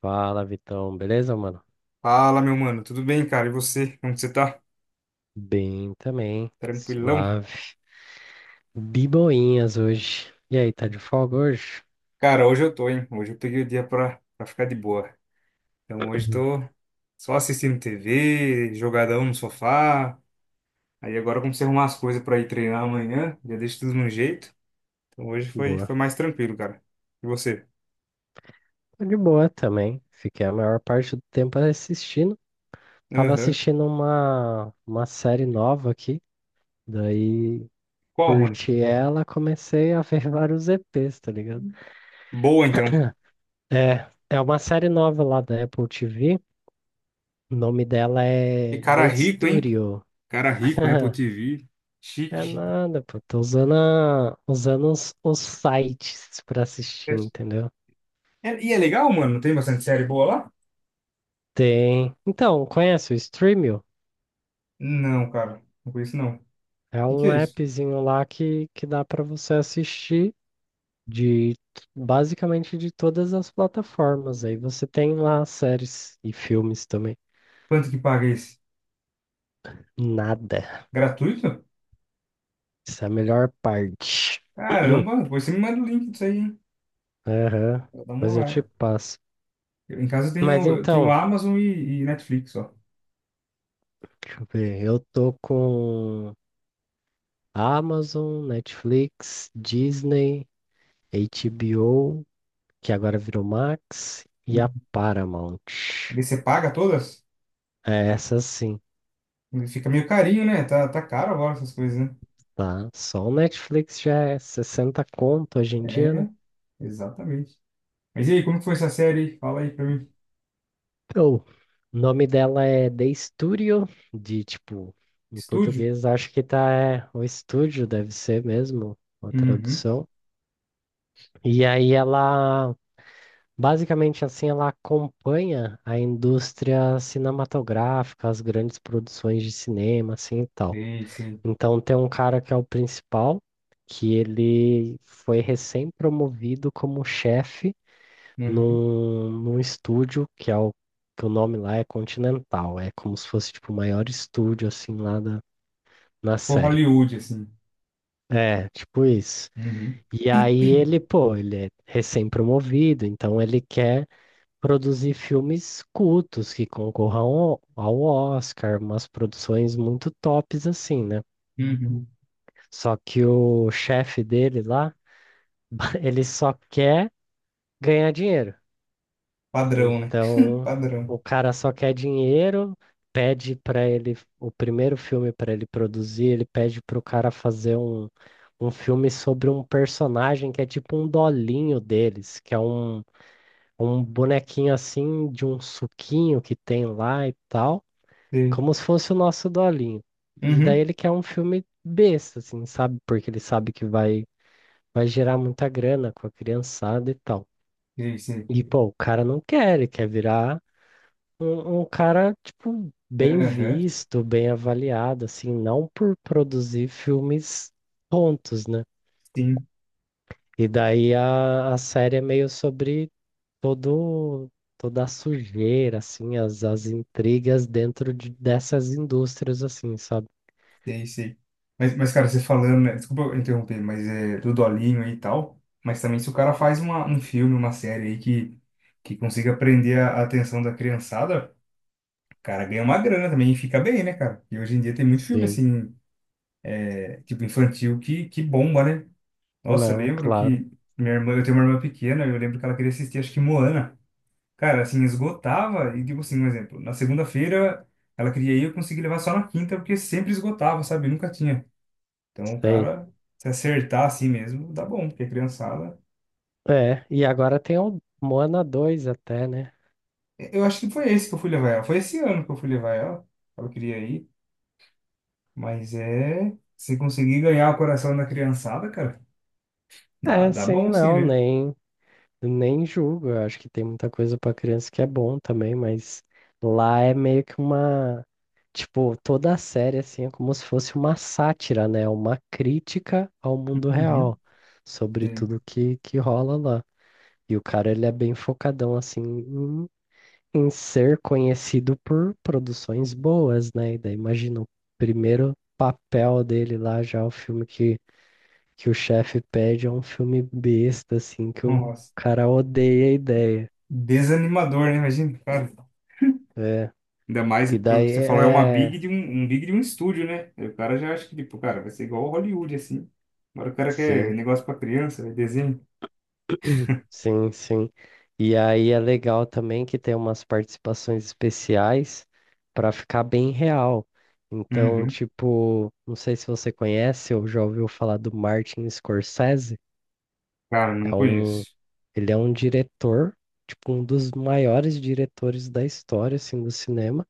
Fala, Vitão. Beleza, mano? Fala, meu mano, tudo bem, cara? E você? Como que você tá? Bem também. Tranquilão? Suave. Biboinhas hoje. E aí, tá de folga hoje? Cara, hoje eu tô, hein? Hoje eu peguei o dia pra ficar de boa. Então hoje Uhum. tô só assistindo TV, jogadão no sofá. Aí agora eu comecei a arrumar as coisas pra ir treinar amanhã, já deixo tudo no jeito. Então hoje foi, Boa. foi mais tranquilo, cara. E você? Tô de boa também. Fiquei a maior parte do tempo assistindo. Tava Aham. assistindo uma série nova aqui. Daí, Qual, mano? curti ela, comecei a ver vários EPs, tá ligado? Boa, então. É uma série nova lá da Apple TV. O nome dela E é cara The rico, hein? Studio. Cara rico, Apple TV. É Chique. nada, pô. Tô usando, usando os sites pra assistir, É- entendeu? E é legal, mano? Tem bastante série boa lá? Tem. Então, conhece o Streamio? Não, cara. Não conheço, não. O É que um é isso? appzinho lá que dá pra você assistir de basicamente de todas as plataformas. Aí você tem lá séries e filmes também. Quanto que paga esse? Nada. Gratuito? Isso é a melhor parte. Caramba, depois você me manda o link disso aí, hein? Aham. Eu dou uma Mas eu te olhada. passo. Em casa Mas eu tenho então, Amazon e Netflix, ó. deixa eu ver. Eu tô com. Amazon, Netflix, Disney, HBO, que agora virou Max, e a Paramount. Aí você paga todas? É essa sim, Fica meio carinho, né? Tá caro agora essas coisas, né? tá? Só o Netflix já é 60 conto hoje em dia, né? É, exatamente. Mas e aí, como que foi essa série? Fala aí pra mim. Então, o nome dela é The Studio, de tipo, em Estúdio? português acho que tá é, o estúdio, deve ser mesmo a Uhum. tradução. E aí ela basicamente, assim, ela acompanha a indústria cinematográfica, as grandes produções de cinema, assim e tal. Sei, sei. Então, tem um cara que é o principal, que ele foi recém-promovido como chefe Uhum. num estúdio que é o que o nome lá é Continental. É como se fosse tipo o maior estúdio assim lá da, na Por série. Hollywood, assim. É, tipo isso. Uhum. E aí ele, pô, ele é recém-promovido, então ele quer produzir filmes cultos que concorram ao Oscar, umas produções muito tops assim, né? Uhum. Só que o chefe dele lá, ele só quer ganhar dinheiro. Padrão, né? Então, Padrão. o cara só quer dinheiro, pede para ele o primeiro filme para ele produzir, ele pede pro cara fazer um filme sobre um personagem que é tipo um dolinho deles, que é um bonequinho assim de um suquinho que tem lá e tal. Sei. Como se fosse o nosso dolinho. E daí Uhum. ele quer um filme besta, assim, sabe? Porque ele sabe vai gerar muita grana com a criançada e tal. Sei, sei. E, pô, o cara não quer, ele quer virar um cara, tipo, bem Aham. visto, bem avaliado, assim, não por produzir filmes tontos, né? Sim. E daí a série é meio sobre todo, toda a sujeira, assim, as intrigas dentro de, dessas indústrias, assim, sabe? Sei, sei. Mas, cara, você falando, né? Desculpa eu interromper, mas é do Dolinho aí e tal. Mas também se o cara faz um filme, uma série aí que consiga prender a atenção da criançada, o cara ganha uma grana também e fica bem, né, cara? E hoje em dia tem muito filme, Sim. assim, é, tipo infantil que bomba, né? Nossa, eu Não, lembro claro, que minha irmã, eu tenho uma irmã pequena, eu lembro que ela queria assistir, acho que Moana. Cara, assim, esgotava, e tipo assim, um exemplo, na segunda-feira ela queria ir, eu consegui levar só na quinta, porque sempre esgotava, sabe? Nunca tinha. Então, o sei. cara, se acertar assim mesmo, dá bom, porque a criançada. É, e agora tem o Moana 2 até, né? É, eu acho que foi esse que eu fui levar ela. Foi esse ano que eu fui levar ela. Ela queria ir. Mas é. Se conseguir ganhar o coração da criançada, cara, dá, É, dá sim, bom sim, não, né? Nem julgo. Eu acho que tem muita coisa pra criança que é bom também, mas lá é meio que uma. Tipo, toda a série, assim, é como se fosse uma sátira, né? É uma crítica ao mundo Uhum. real, sobre Sei. tudo que rola lá. E o cara, ele é bem focadão, assim, em ser conhecido por produções boas, né? E daí imagina o primeiro papel dele lá, já o filme que o chefe pede é um filme besta, assim, que o Nossa. cara odeia a ideia. Desanimador, né? Imagina, cara. É. Ainda mais E pro que daí você falou, é uma big é. de um, um big de um estúdio, né? Aí o cara já acha que, tipo, cara, vai ser igual ao Hollywood, assim. Agora o cara quer Sim, negócio pra criança, né? Desenho. sim. E aí é legal também que tem umas participações especiais para ficar bem real. Então, Uhum. tipo, não sei se você conhece ou já ouviu falar do Martin Scorsese. Cara, não É um conheço. Ele é um diretor, tipo, um dos maiores diretores da história, assim, do cinema.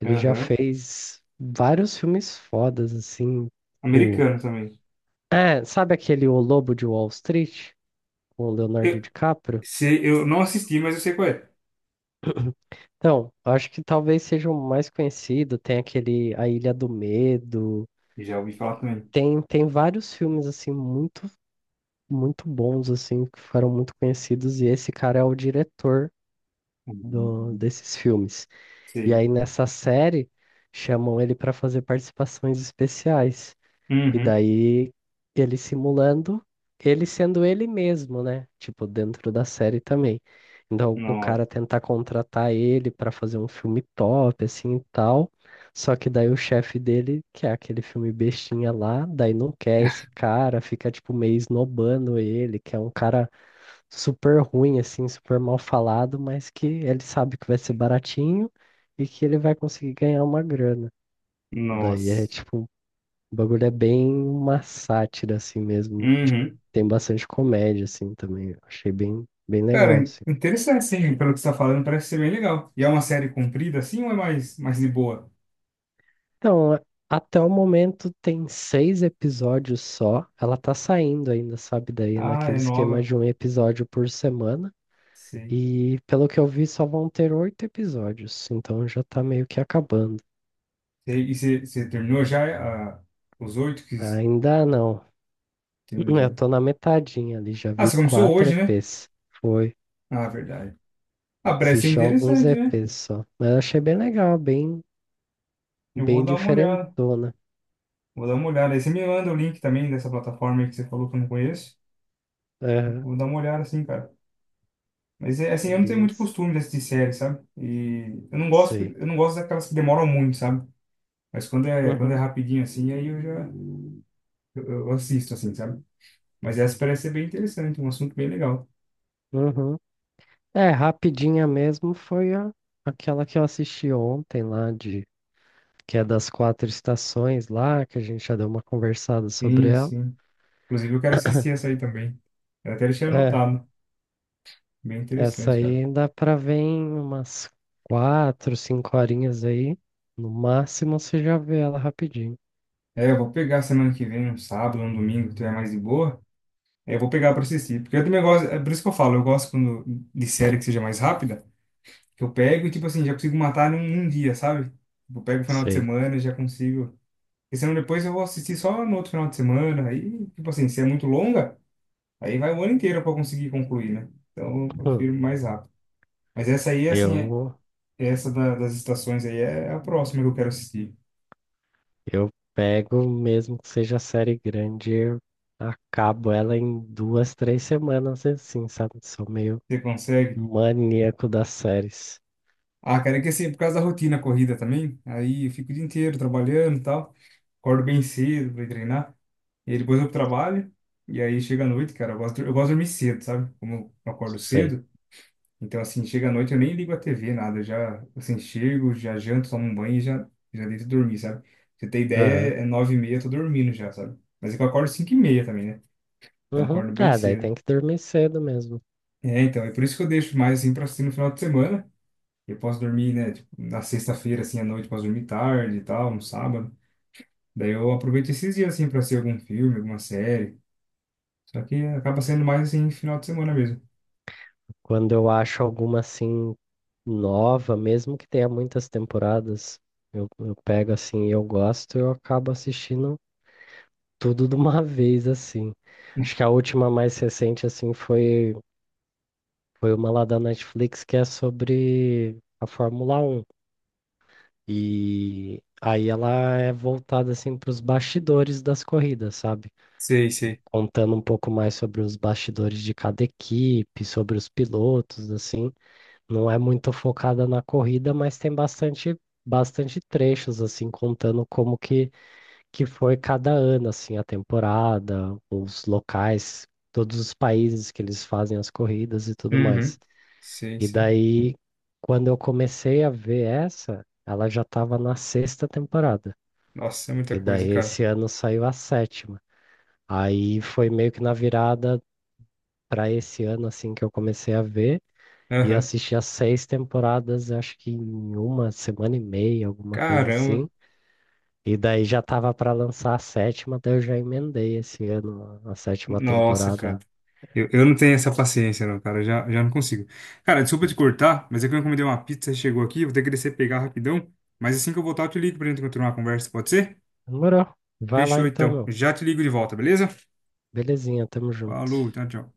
Ele já Aham. fez vários filmes fodas, assim, tipo... Americano também. É, sabe aquele O Lobo de Wall Street, com o Leonardo Eu, DiCaprio? sei, eu não assisti, mas eu sei qual é. Então, eu acho que talvez seja o mais conhecido, tem aquele A Ilha do Medo, E já ouvi falar também. tem vários filmes, assim, muito bons, assim, que foram muito conhecidos, e esse cara é o diretor Hum. desses filmes. E Sei. aí nessa série chamam ele para fazer participações especiais. E Uhum. daí ele simulando ele sendo ele mesmo, né? Tipo, dentro da série também. Então o Nossa. cara tentar contratar ele para fazer um filme top assim e tal. Só que daí o chefe dele, que é aquele filme bestinha lá, daí não quer esse cara, fica tipo meio esnobando ele, que é um cara super ruim, assim, super mal falado, mas que ele sabe que vai ser baratinho e que ele vai conseguir ganhar uma grana. Daí é Nossa. tipo, o bagulho é bem uma sátira, assim mesmo. Tipo, Uhum. tem bastante comédia, assim, também. Eu achei bem legal, Cara, assim. interessante, sim. Pelo que você tá falando, parece ser bem legal. E é uma série comprida, assim, ou é mais de boa? Então, a- Até o momento tem seis episódios só. Ela tá saindo ainda, sabe? Daí é Ah, naquele é esquema nova. de um episódio por semana. Sei. E pelo que eu vi, só vão ter oito episódios, então já tá meio que acabando. Sei. E você terminou já, ah, os oito que... Ainda não. Eu Entendeu. tô na metadinha ali, já Ah, vi você começou quatro hoje, né? EPs. Foi. Ah, verdade. Ah, parece ser Assisti alguns interessante, né? EPs só. Mas eu achei Eu vou bem dar uma olhada. diferentona. Vou dar uma olhada. Aí você me manda o link também dessa plataforma aí que você falou que eu não conheço. Aham. Vou dar uma olhada assim, cara. Mas é, assim, Meu eu não tenho muito Deus. costume de assistir série, sabe? E Sei. eu não gosto daquelas que demoram muito, sabe? Mas quando é Uhum. rapidinho assim, aí eu já eu assisto assim, sabe? Mas essa parece ser bem interessante, um assunto bem legal. Uhum. É, rapidinha mesmo foi aquela que eu assisti ontem lá, de, que é das quatro estações lá, que a gente já deu uma conversada sobre Sim, ela. sim. Inclusive eu quero assistir essa aí também. Eu até deixei É. anotado. Bem Essa interessante, cara. aí dá pra ver em umas quatro, cinco horinhas aí. No máximo você já vê ela rapidinho. É, eu vou pegar semana que vem, um sábado, um domingo, que tiver mais de boa. É, eu vou pegar pra assistir. Porque eu também gosto, é por isso que eu falo, eu gosto quando, de série que seja mais rápida. Que eu pego e, tipo assim, já consigo matar num dia, sabe? Tipo, eu pego o final de Sei. semana e já consigo. Porque senão depois eu vou assistir só no outro final de semana. Aí, tipo assim, se é muito longa, aí vai o ano inteiro para conseguir concluir, né? Então eu Hum. prefiro mais rápido. Mas essa aí, assim, Eu, essa das estações aí é a próxima que eu quero assistir. eu pego, mesmo que seja série grande, eu acabo ela em duas, três semanas assim, sabe? Sou meio Você consegue? maníaco das séries. Ah, cara, é que assim, é por causa da rotina corrida também, aí eu fico o dia inteiro trabalhando e tal. Acordo bem cedo pra ir treinar. E aí depois eu trabalho. E aí chega à noite, cara, eu gosto de dormir cedo, sabe? Como eu acordo Sei. cedo. Então, assim, chega à noite, eu nem ligo a TV, nada. Eu já, assim, chego, já janto, tomo um banho e já, já deito dormir, sabe? Pra você ter ideia, Aham. é nove e meia, eu tô dormindo já, sabe? Mas é que eu acordo cinco e meia também, né? Então, eu Uhum. acordo bem Tá, daí cedo. tem que dormir cedo mesmo. É, então, é por isso que eu deixo mais, assim, pra assistir no final de semana. Eu posso dormir, né? Tipo, na sexta-feira, assim, à noite, eu posso dormir tarde e tal, no sábado. Daí eu aproveito esses dias, assim, pra assistir algum filme, alguma série. Só que acaba sendo mais, assim, final de semana mesmo. Quando eu acho alguma assim nova, mesmo que tenha muitas temporadas, eu pego assim e eu gosto, eu acabo assistindo tudo de uma vez assim. Acho que a última mais recente assim foi uma lá da Netflix que é sobre a Fórmula 1. E aí ela é voltada assim para os bastidores das corridas, sabe? Sei, sei. Contando um pouco mais sobre os bastidores de cada equipe, sobre os pilotos, assim. Não é muito focada na corrida, mas tem bastante trechos, assim, contando que foi cada ano, assim, a temporada, os locais, todos os países que eles fazem as corridas e tudo Uhum. mais. Sei, E sei. daí, quando eu comecei a ver essa, ela já estava na sexta temporada. Nossa, é muita E coisa, daí, cara. esse ano saiu a sétima. Aí foi meio que na virada para esse ano, assim, que eu comecei a ver. E eu Aham. assisti as seis temporadas, eu acho que em uma semana e meia, alguma coisa Caramba. assim. E daí já tava pra lançar a sétima, daí eu já emendei esse ano a sétima Nossa, cara. temporada. Eu não tenho essa paciência, não, cara. Já não consigo. Cara, desculpa te cortar, mas é que eu encomendei uma pizza e chegou aqui. Vou ter que descer e pegar rapidão. Mas assim que eu voltar, eu te ligo pra gente continuar a conversa, pode ser? Demorou. Vai lá Fechou, então, então. meu. Já te ligo de volta, beleza? Belezinha, tamo junto. Falou, tchau, tchau.